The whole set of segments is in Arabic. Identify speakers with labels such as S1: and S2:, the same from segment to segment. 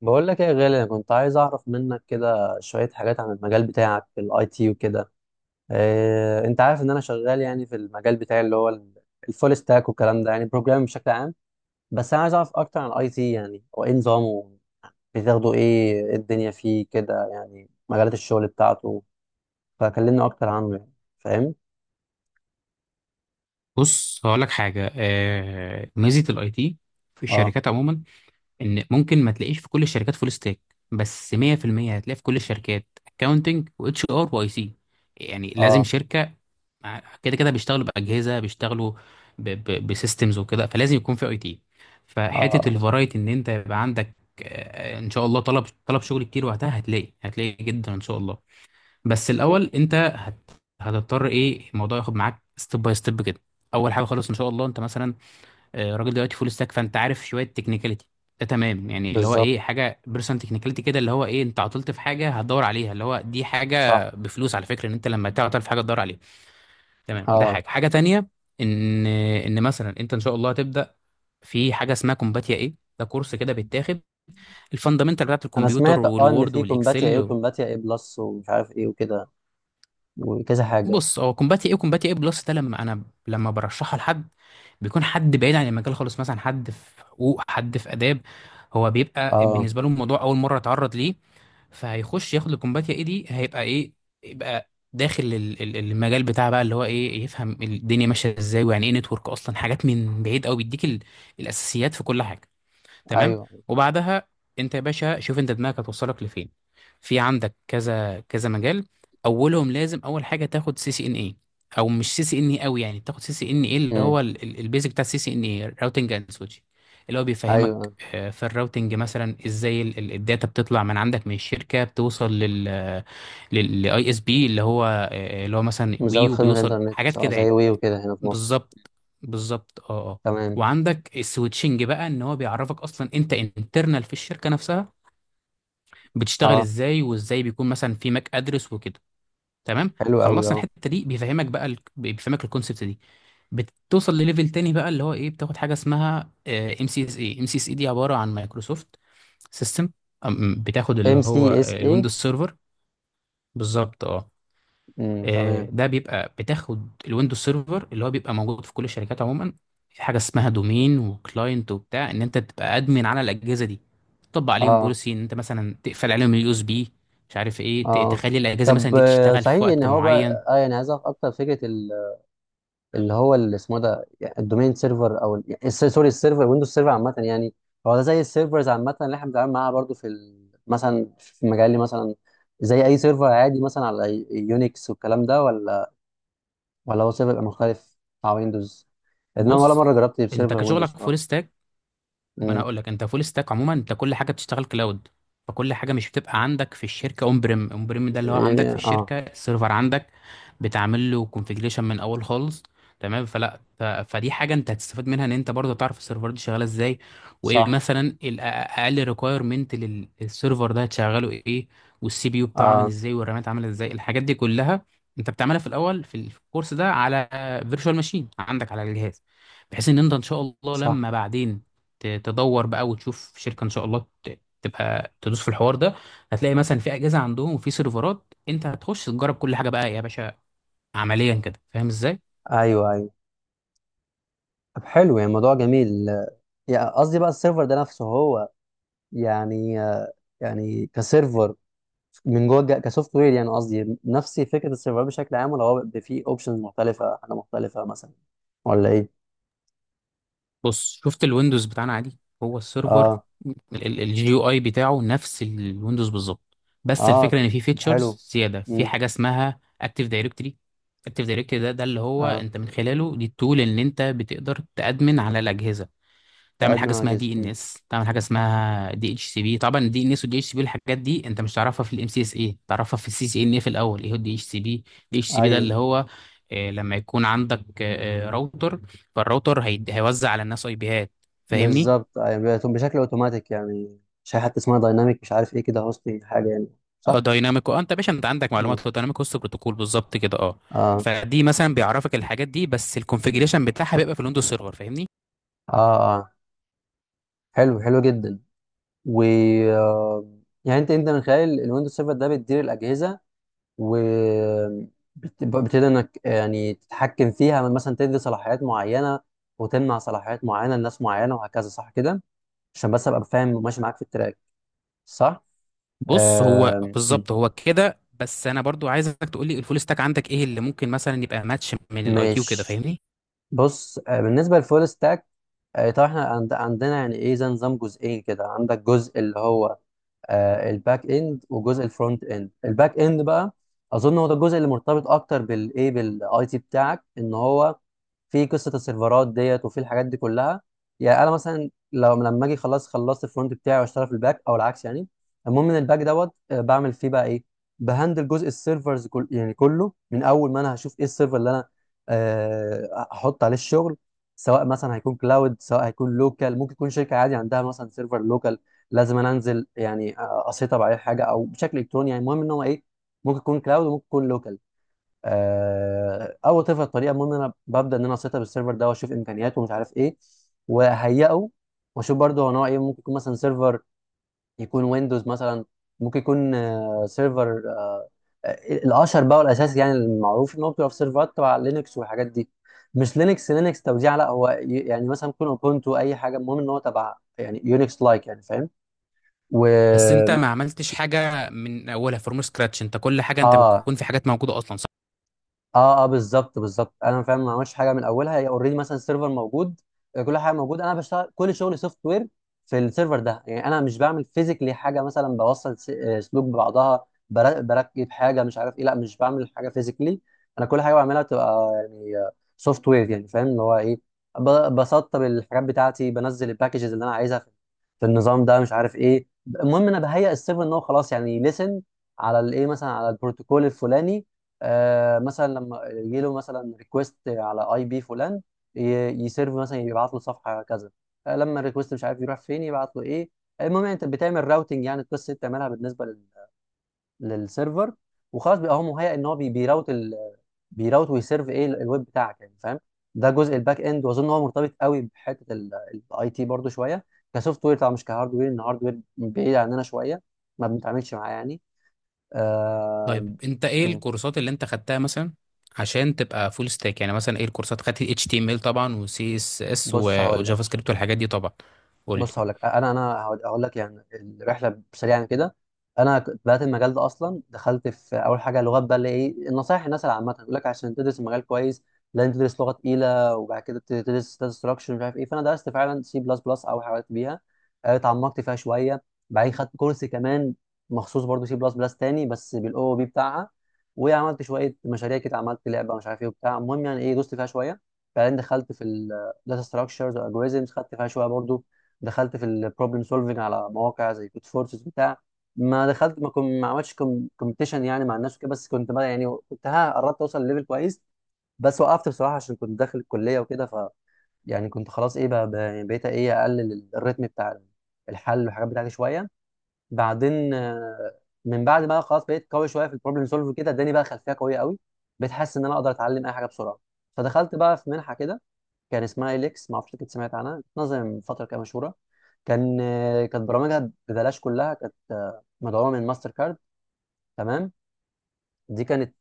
S1: بقول لك ايه يا غالي، انا كنت عايز اعرف منك كده شويه حاجات عن المجال بتاعك في الاي تي وكده. إيه، انت عارف ان انا شغال يعني في المجال بتاعي اللي هو الفول ستاك والكلام ده، يعني بروجرامنج بشكل عام. بس انا عايز اعرف اكتر عن الاي تي، يعني هو ايه نظامه؟ بتاخده ايه؟ إيه الدنيا فيه كده يعني مجالات الشغل بتاعته؟ فكلمني اكتر عنه يعني. فاهم؟
S2: بص، هقول لك حاجه. ميزه الاي تي في
S1: اه.
S2: الشركات عموما ان ممكن ما تلاقيش في كل الشركات فول ستاك، بس 100% هتلاقي في كل الشركات اكاونتنج واتش ار واي سي، يعني لازم
S1: اه.
S2: شركه كده كده بيشتغلوا باجهزه، بيشتغلوا بسيستمز وكده، فلازم يكون في اي تي.
S1: اه.
S2: فحته
S1: آه.
S2: الفرايتي ان انت يبقى عندك، ان شاء الله، طلب شغل كتير، وقتها هتلاقي جدا ان شاء الله. بس
S1: مم.
S2: الاول، انت هتضطر، ايه الموضوع ياخد معاك ستيب باي ستيب كده. اول حاجه خالص، ان شاء الله، انت مثلا راجل دلوقتي فول ستاك، فانت عارف شويه تكنيكاليتي. ده تمام، يعني اللي هو
S1: بالظبط.
S2: ايه، حاجه بيرسون تكنيكاليتي كده، اللي هو ايه، انت عطلت في حاجه هتدور عليها، اللي هو دي
S1: صح.
S2: حاجه بفلوس على فكره، ان انت لما تعطل في حاجه تدور عليها. تمام. ده
S1: اه.
S2: حاجه، حاجه تانية، ان مثلا انت ان شاء الله هتبدا في حاجه اسمها كومباتيا ايه، ده كورس كده بيتاخد الفاندامنتال بتاعت
S1: انا
S2: الكمبيوتر
S1: سمعت اه ان
S2: والوورد
S1: في كومباتيا ايه
S2: والاكسل.
S1: وكومباتيا ايه بلس ومش عارف ايه وكده وكذا حاجه.
S2: بص، هو كومباتي ايه وكومباتي ايه بلس، ده لما انا برشحها لحد، بيكون حد بعيد عن المجال خالص، مثلا حد في حقوق، حد في اداب، هو بيبقى
S1: اه.
S2: بالنسبه له الموضوع اول مره اتعرض ليه، فهيخش ياخد الكومباتيا ايه دي، هيبقى ايه، يبقى داخل المجال بتاع بقى، اللي هو ايه، يفهم الدنيا ماشيه ازاي، ويعني ايه نتورك اصلا، حاجات من بعيد قوي، بيديك الاساسيات في كل حاجه. تمام.
S1: ايوه.
S2: وبعدها انت يا باشا، شوف انت دماغك هتوصلك لفين. في عندك كذا كذا مجال، اولهم لازم اول حاجه تاخد سي سي ان اي، او مش سي سي ان اي قوي، يعني تاخد سي سي ان اي اللي
S1: امم
S2: هو البيزك بتاع السي سي ان اي، راوتنج اند سويتشنج، اللي هو بيفهمك
S1: ايوه،
S2: في الراوتنج مثلا، ازاي الداتا بتطلع من عندك من الشركه، بتوصل للاي اس بي، اللي هو مثلا وي،
S1: مزود خدمه
S2: وبيوصل
S1: انترنت،
S2: حاجات
S1: اه،
S2: كده
S1: زي
S2: يعني.
S1: وي وكده هنا في مصر.
S2: بالظبط، بالظبط، اه، اه.
S1: تمام.
S2: وعندك السويتشنج بقى، ان هو بيعرفك اصلا انت انترنال في الشركه نفسها بتشتغل
S1: اه.
S2: ازاي، وازاي بيكون مثلا في ماك ادرس وكده. تمام،
S1: حلو قوي.
S2: خلصنا
S1: اه.
S2: الحته دي. بيفهمك الكونسبت دي. بتوصل لليفل تاني بقى، اللي هو ايه، بتاخد حاجه اسمها ام سي اس اي دي عباره عن مايكروسوفت سيستم، بتاخد اللي
S1: ام سي
S2: هو
S1: اس اي.
S2: الويندوز سيرفر. بالظبط، اه.
S1: تمام.
S2: ده بيبقى بتاخد الويندوز سيرفر اللي هو بيبقى موجود في كل الشركات عموما، في حاجه اسمها دومين وكلاينت وبتاع، ان انت تبقى ادمن على الاجهزه دي، تطبق عليهم
S1: اه.
S2: بوليسي، ان انت مثلا تقفل عليهم اليو اس بي، مش عارف
S1: اه.
S2: ايه،
S1: آه.
S2: تخلي الاجهزه مثلا
S1: طب
S2: دي تشتغل في
S1: صحيح ان
S2: وقت
S1: هو
S2: معين.
S1: بقى اه يعني عايز اعرف اكتر فكره اللي هو اللي اسمه ده، يعني الدومين سيرفر او يعني سوري، السيرفر، ويندوز سيرفر عامه يعني. هو ده زي السيرفرز عامه اللي احنا بنتعامل معاها برضو في مثلا في مجالي مثلا؟ زي اي سيرفر عادي مثلا على يونكس والكلام ده، ولا هو سيرفر يبقى مختلف بتاع ويندوز؟ انما ولا
S2: بص،
S1: مره جربت
S2: انت
S1: بسيرفر ويندوز
S2: كشغلك فول
S1: بصراحه.
S2: ما انا
S1: امم.
S2: هقول لك، انت فول ستاك عموما، انت كل حاجه بتشتغل كلاود، فكل حاجه مش بتبقى عندك في الشركه. اون بريم، اون بريم ده اللي هو عندك
S1: إيه.
S2: في
S1: اه.
S2: الشركه السيرفر عندك، بتعمل له كونفيجريشن من اول خالص. تمام. فدي حاجه انت هتستفاد منها، ان انت برضه تعرف السيرفر دي شغاله ازاي، وايه
S1: صح.
S2: مثلا الاقل ريكويرمنت للسيرفر ده، هتشغله ايه، والسي بي يو بتاعه عامل
S1: اه.
S2: ازاي، والرامات عامله ازاي، الحاجات دي كلها انت بتعملها في الاول في الكورس ده على فيرتشوال ماشين عندك على الجهاز، بحيث ان انت ان شاء الله
S1: صح.
S2: لما بعدين تدور بقى وتشوف شركه، ان شاء الله تبقى تدوس في الحوار ده. هتلاقي مثلا في اجهزه عندهم، وفي سيرفرات انت هتخش تجرب كل حاجه بقى يا باشا، عمليا كده، فاهم ازاي؟
S1: ايوه، ايوه. طب حلو يعني الموضوع جميل. يعني قصدي بقى السيرفر ده نفسه هو، يعني يعني كسيرفر، من جوه كسوفت وير، يعني قصدي نفس فكره السيرفر بشكل عام، ولا هو بيبقى فيه اوبشنز مختلفه، حاجه مختلفه مثلا، ولا ايه؟
S2: بص، شفت الويندوز بتاعنا عادي، هو السيرفر،
S1: اه.
S2: الجي يو اي بتاعه نفس الويندوز بالظبط، بس
S1: اه،
S2: الفكره ان في
S1: طب حلو.
S2: فيتشرز زياده، في
S1: امم.
S2: حاجه اسمها اكتيف دايركتري. اكتيف دايركتري ده اللي هو
S1: اه،
S2: انت من خلاله، دي التول ان انت بتقدر تادمن على الاجهزه، تعمل
S1: كادمن
S2: حاجه
S1: على
S2: اسمها دي
S1: جزء.
S2: ان
S1: امم.
S2: اس، تعمل حاجه اسمها دي اتش سي بي. طبعا الدي ان اس والدي اتش سي بي، الحاجات دي انت مش تعرفها في الام سي اس اي، تعرفها في السي سي ان اي في الاول. ايه هو الدي اتش سي بي؟ الدي اتش سي بي ده
S1: ايوه،
S2: اللي هو لما يكون عندك راوتر، فالراوتر هيوزع على الناس اي بيهات. فاهمني؟
S1: بالظبط يعني بيبقى بشكل اوتوماتيك يعني. مش حاجه حتى اسمها دايناميك مش عارف ايه كده، هوستنج حاجه يعني؟
S2: اه،
S1: صح.
S2: دايناميك، اه، انت يا باشا، انت عندك
S1: مم.
S2: معلومات، هو دايناميك هوست بروتوكول بالظبط كده، اه.
S1: اه.
S2: فدي مثلا بيعرفك الحاجات دي، بس الكونفجريشن بتاعها بيبقى في الويندوز سيرفر. فاهمني؟
S1: اه. اه، حلو حلو جدا. و آه، يعني انت انت من خلال الويندوز سيرفر ده بتدير الاجهزه، و بتقدر انك يعني تتحكم فيها مثلا، تدي صلاحيات معينه وتمنع صلاحيات معينه لناس معينه وهكذا، صح كده؟ عشان بس ابقى فاهم وماشي معاك في التراك. صح.
S2: بص، هو
S1: آه،
S2: بالظبط هو كده. بس انا برضو عايزك تقول لي، الفول ستاك عندك ايه اللي ممكن مثلا يبقى ماتش من الاي كيو كده؟
S1: ماشي.
S2: فاهمني؟
S1: بص، بالنسبه للفول ستاك، طبعا احنا عندنا يعني ايه زي نظام جزئين كده، عندك جزء اللي هو الباك اند وجزء الفرونت اند. الباك اند بقى اظن هو ده الجزء اللي مرتبط اكتر بالايه، بالاي تي بتاعك، ان هو في قصه السيرفرات ديت، وفي الحاجات دي كلها. يعني انا مثلا لو لما اجي خلاص خلصت الفرونت بتاعي واشتغل في الباك او العكس يعني. المهم ان الباك دوت بعمل فيه بقى ايه؟ بهندل جزء السيرفرز كل يعني كله، من اول ما انا هشوف ايه السيرفر اللي انا احط عليه الشغل، سواء مثلا هيكون كلاود سواء هيكون لوكال، ممكن يكون شركه عادي عندها مثلا سيرفر لوكال لازم انا انزل يعني اسيطر عليه حاجه، او بشكل الكتروني، يعني المهم ان هو ايه، ممكن يكون كلاود وممكن يكون لوكال. اول طريقه الطريقه المهم ان انا ببدا ان انا اسيطر بالسيرفر ده واشوف امكانياته ومش عارف ايه، واهيئه، واشوف برضه هو نوع ايه، ممكن يكون مثلا سيرفر يكون ويندوز مثلا، ممكن يكون سيرفر الاشهر بقى والاساسي، يعني المعروف ان هو بتبقى في سيرفرات تبع لينكس والحاجات دي. مش لينكس، لينكس توزيع، لا هو يعني مثلا يكون اوبونتو اي حاجه، المهم ان هو تبع يعني يونكس لايك، يعني فاهم؟ و
S2: بس انت ما عملتش حاجه من اولها، فروم سكراتش، انت كل حاجه انت
S1: اه.
S2: بتكون في حاجات موجوده اصلا، صح؟
S1: اه. اه، بالظبط بالظبط انا فاهم. ما عملش حاجه من اولها، هي اوريدي مثلا السيرفر موجود. كل حاجه موجوده، انا بشتغل كل شغلي سوفت وير في السيرفر ده. يعني انا مش بعمل فيزيكلي حاجه، مثلا بوصل سلوك ببعضها، بركب حاجه مش عارف ايه، لا، مش بعمل حاجه فيزيكلي. انا كل حاجه بعملها تبقى يعني سوفت وير، يعني فاهم اللي هو ايه. بسطب الحاجات بتاعتي، بنزل الباكجز اللي انا عايزها في في النظام ده مش عارف ايه. المهم انا بهيئ السيرفر ان هو خلاص يعني ليسن على الايه، مثلا على البروتوكول الفلاني. آه مثلا لما يجي له مثلا ريكوست على اي بي فلان، ي- يسيرف مثلا، يبعت له صفحه كذا. آه لما الريكوست مش عارف يروح فين، يبعت له ايه. المهم انت بتعمل راوتنج يعني، القصه دي بتعملها بالنسبه لل للسيرفر. وخلاص بيبقى هو مهيئ ان هو بيراوت ال بيراوت ويسيرف ايه الويب بتاعك، يعني فاهم. ده جزء الباك اند، واظن هو مرتبط قوي بحته الاي تي برضو شويه، كسوفت وير طبعا، مش كهارد وير، ان هارد وير بعيد عننا شويه، ما بنتعاملش معاه يعني. آه...
S2: طيب، انت ايه
S1: م.
S2: الكورسات اللي انت خدتها مثلا عشان تبقى فول ستاك؟ يعني مثلا ايه الكورسات؟ خدت اتش تي ام ال طبعا، وسي اس اس،
S1: بص هقول لك.
S2: وجافا سكريبت، والحاجات دي طبعا. قول لي.
S1: بص هقول لك، انا هقول لك يعني الرحله سريعا كده. انا كنت بدات المجال ده اصلا، دخلت في اول حاجه لغات بقى، اللي ايه النصايح الناس العامه يقول لك عشان تدرس المجال كويس لازم تدرس لغه تقيله، وبعد كده تدرس داتا ستراكشر مش عارف ايه. فانا درست فعلا سي بلس بلس او حاجات بيها، اتعمقت فيها شويه. بعدين خدت كورس كمان مخصوص برضو سي بلس بلس تاني، بس بالاو بي بتاعها. وعملت شويه مشاريع كده، عملت لعبه مش عارف ايه وبتاع، المهم يعني ايه دوست فيها شويه. بعدين دخلت في الداتا ستراكشرز والجوريزمز، خدت فيها شويه برضو. دخلت في البروبلم سولفنج على مواقع زي كود فورسز بتاع. ما دخلت، ما كنت، ما عملتش كومبيتيشن يعني مع الناس وكده، بس كنت بقى يعني كنت ها قربت اوصل لليفل كويس. بس وقفت بصراحه عشان كنت داخل الكليه وكده، ف يعني كنت خلاص ايه بقى، يعني بقيت ايه اقلل الريتم بتاع الحل والحاجات بتاعتي شويه. بعدين من بعد ما خلاص بقيت قوي شويه في البروبلم سولف كده، اداني بقى خلفيه قويه قوي، بقيت حاسس ان انا اقدر اتعلم اي حاجه بسرعه. فدخلت بقى في منحه كده، كان اسمها إليكس، ما اعرفش كنت سمعت عنها، نظم من فتره كده مشهوره. كان كانت برامجها ببلاش كلها، كانت مدعومه من ماستر كارد. تمام. دي كانت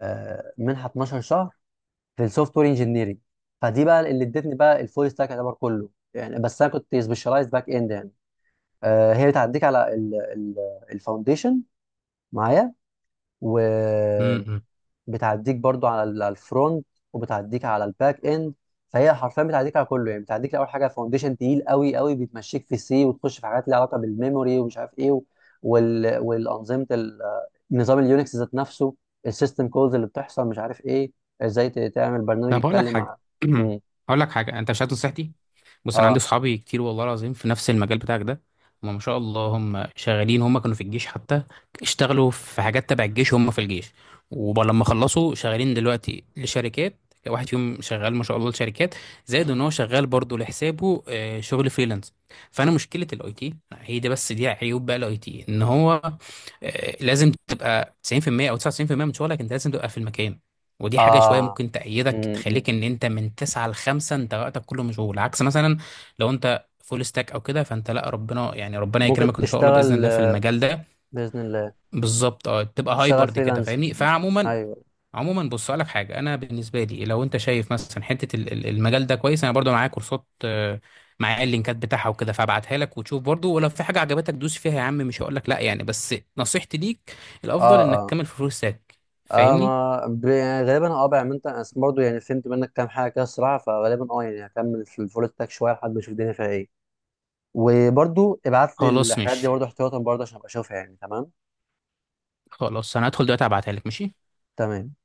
S1: منحه 12 شهر في السوفت وير انجينيرنج. فدي بقى اللي ادتني بقى الفول ستاك يعتبر كله يعني، بس انا كنت سبيشالايز باك اند يعني. هي بتعديك على الفاونديشن معايا، و
S2: امم، امم.
S1: بتعديك برضو على على الفرونت، وبتعديك على الباك اند. فهي حرفيا بتعديك على كله يعني، بتعديك اول حاجه فاونديشن تقيل قوي قوي، بتمشيك في سي وتخش في حاجات ليها علاقه بالميموري ومش عارف ايه، وال... والانظمه نظام اليونكس ذات نفسه، السيستم كولز اللي بتحصل مش عارف ايه، ازاي تعمل برنامج
S2: طب، هقول لك
S1: يتكلم
S2: حاجه.
S1: مع. مم.
S2: هقول لك حاجه، انت مش هات نصيحتي. بص، انا عندي
S1: اه.
S2: صحابي كتير والله العظيم في نفس المجال بتاعك ده، هم ما شاء الله هم شغالين، هم كانوا في الجيش حتى، اشتغلوا في حاجات تبع الجيش، هم في الجيش. ولما خلصوا، شغالين دلوقتي لشركات، واحد فيهم شغال ما شاء الله لشركات، زائد ان هو شغال برضه لحسابه شغل فريلانس. فانا مشكله الاي تي هي دي، بس دي عيوب بقى الاي تي، ان هو لازم تبقى 90% او 99% من شغلك، انت لازم تبقى في المكان. ودي حاجة شوية
S1: اه.
S2: ممكن تأيدك،
S1: مم. مم.
S2: تخليك إن أنت من تسعة لخمسة أنت وقتك كله مشغول، عكس مثلا لو أنت فول ستاك أو كده فأنت لأ، ربنا يعني ربنا
S1: ممكن
S2: يكرمك إن شاء الله، بإذن
S1: تشتغل.
S2: الله، في المجال ده.
S1: باذن الله.
S2: بالظبط، أه، تبقى
S1: تشتغل
S2: هايبرد كده،
S1: فريلانسنج.
S2: فاهمني؟ فعموما
S1: ايوه.
S2: عموما بص، أقول لك حاجة، أنا بالنسبة لي لو أنت شايف مثلا حتة المجال ده كويس، أنا برضو معايا كورسات، معايا اللينكات بتاعها وكده، فابعتها لك وتشوف برضو، ولو في حاجة عجبتك دوس فيها يا عم. مش هقول لك لأ يعني، بس نصيحتي ليك الأفضل
S1: اه.
S2: إنك
S1: اه.
S2: تكمل في فول ستاك.
S1: اه،
S2: فاهمني؟
S1: ما يعني غالبا اه بعمل انت، أنا برضه يعني فهمت منك كام حاجه كده الصراحه، فغالبا اه يعني هكمل في الفول ستاك شويه لحد ما اشوف الدنيا فيها ايه. وبرضه ابعت لي
S2: خلاص،
S1: الحاجات دي
S2: ماشي.
S1: برضه احتياطا برضه عشان ابقى اشوفها يعني. تمام.
S2: خلاص، انا هدخل دلوقتي ابعتها لك. ماشي.
S1: تمام.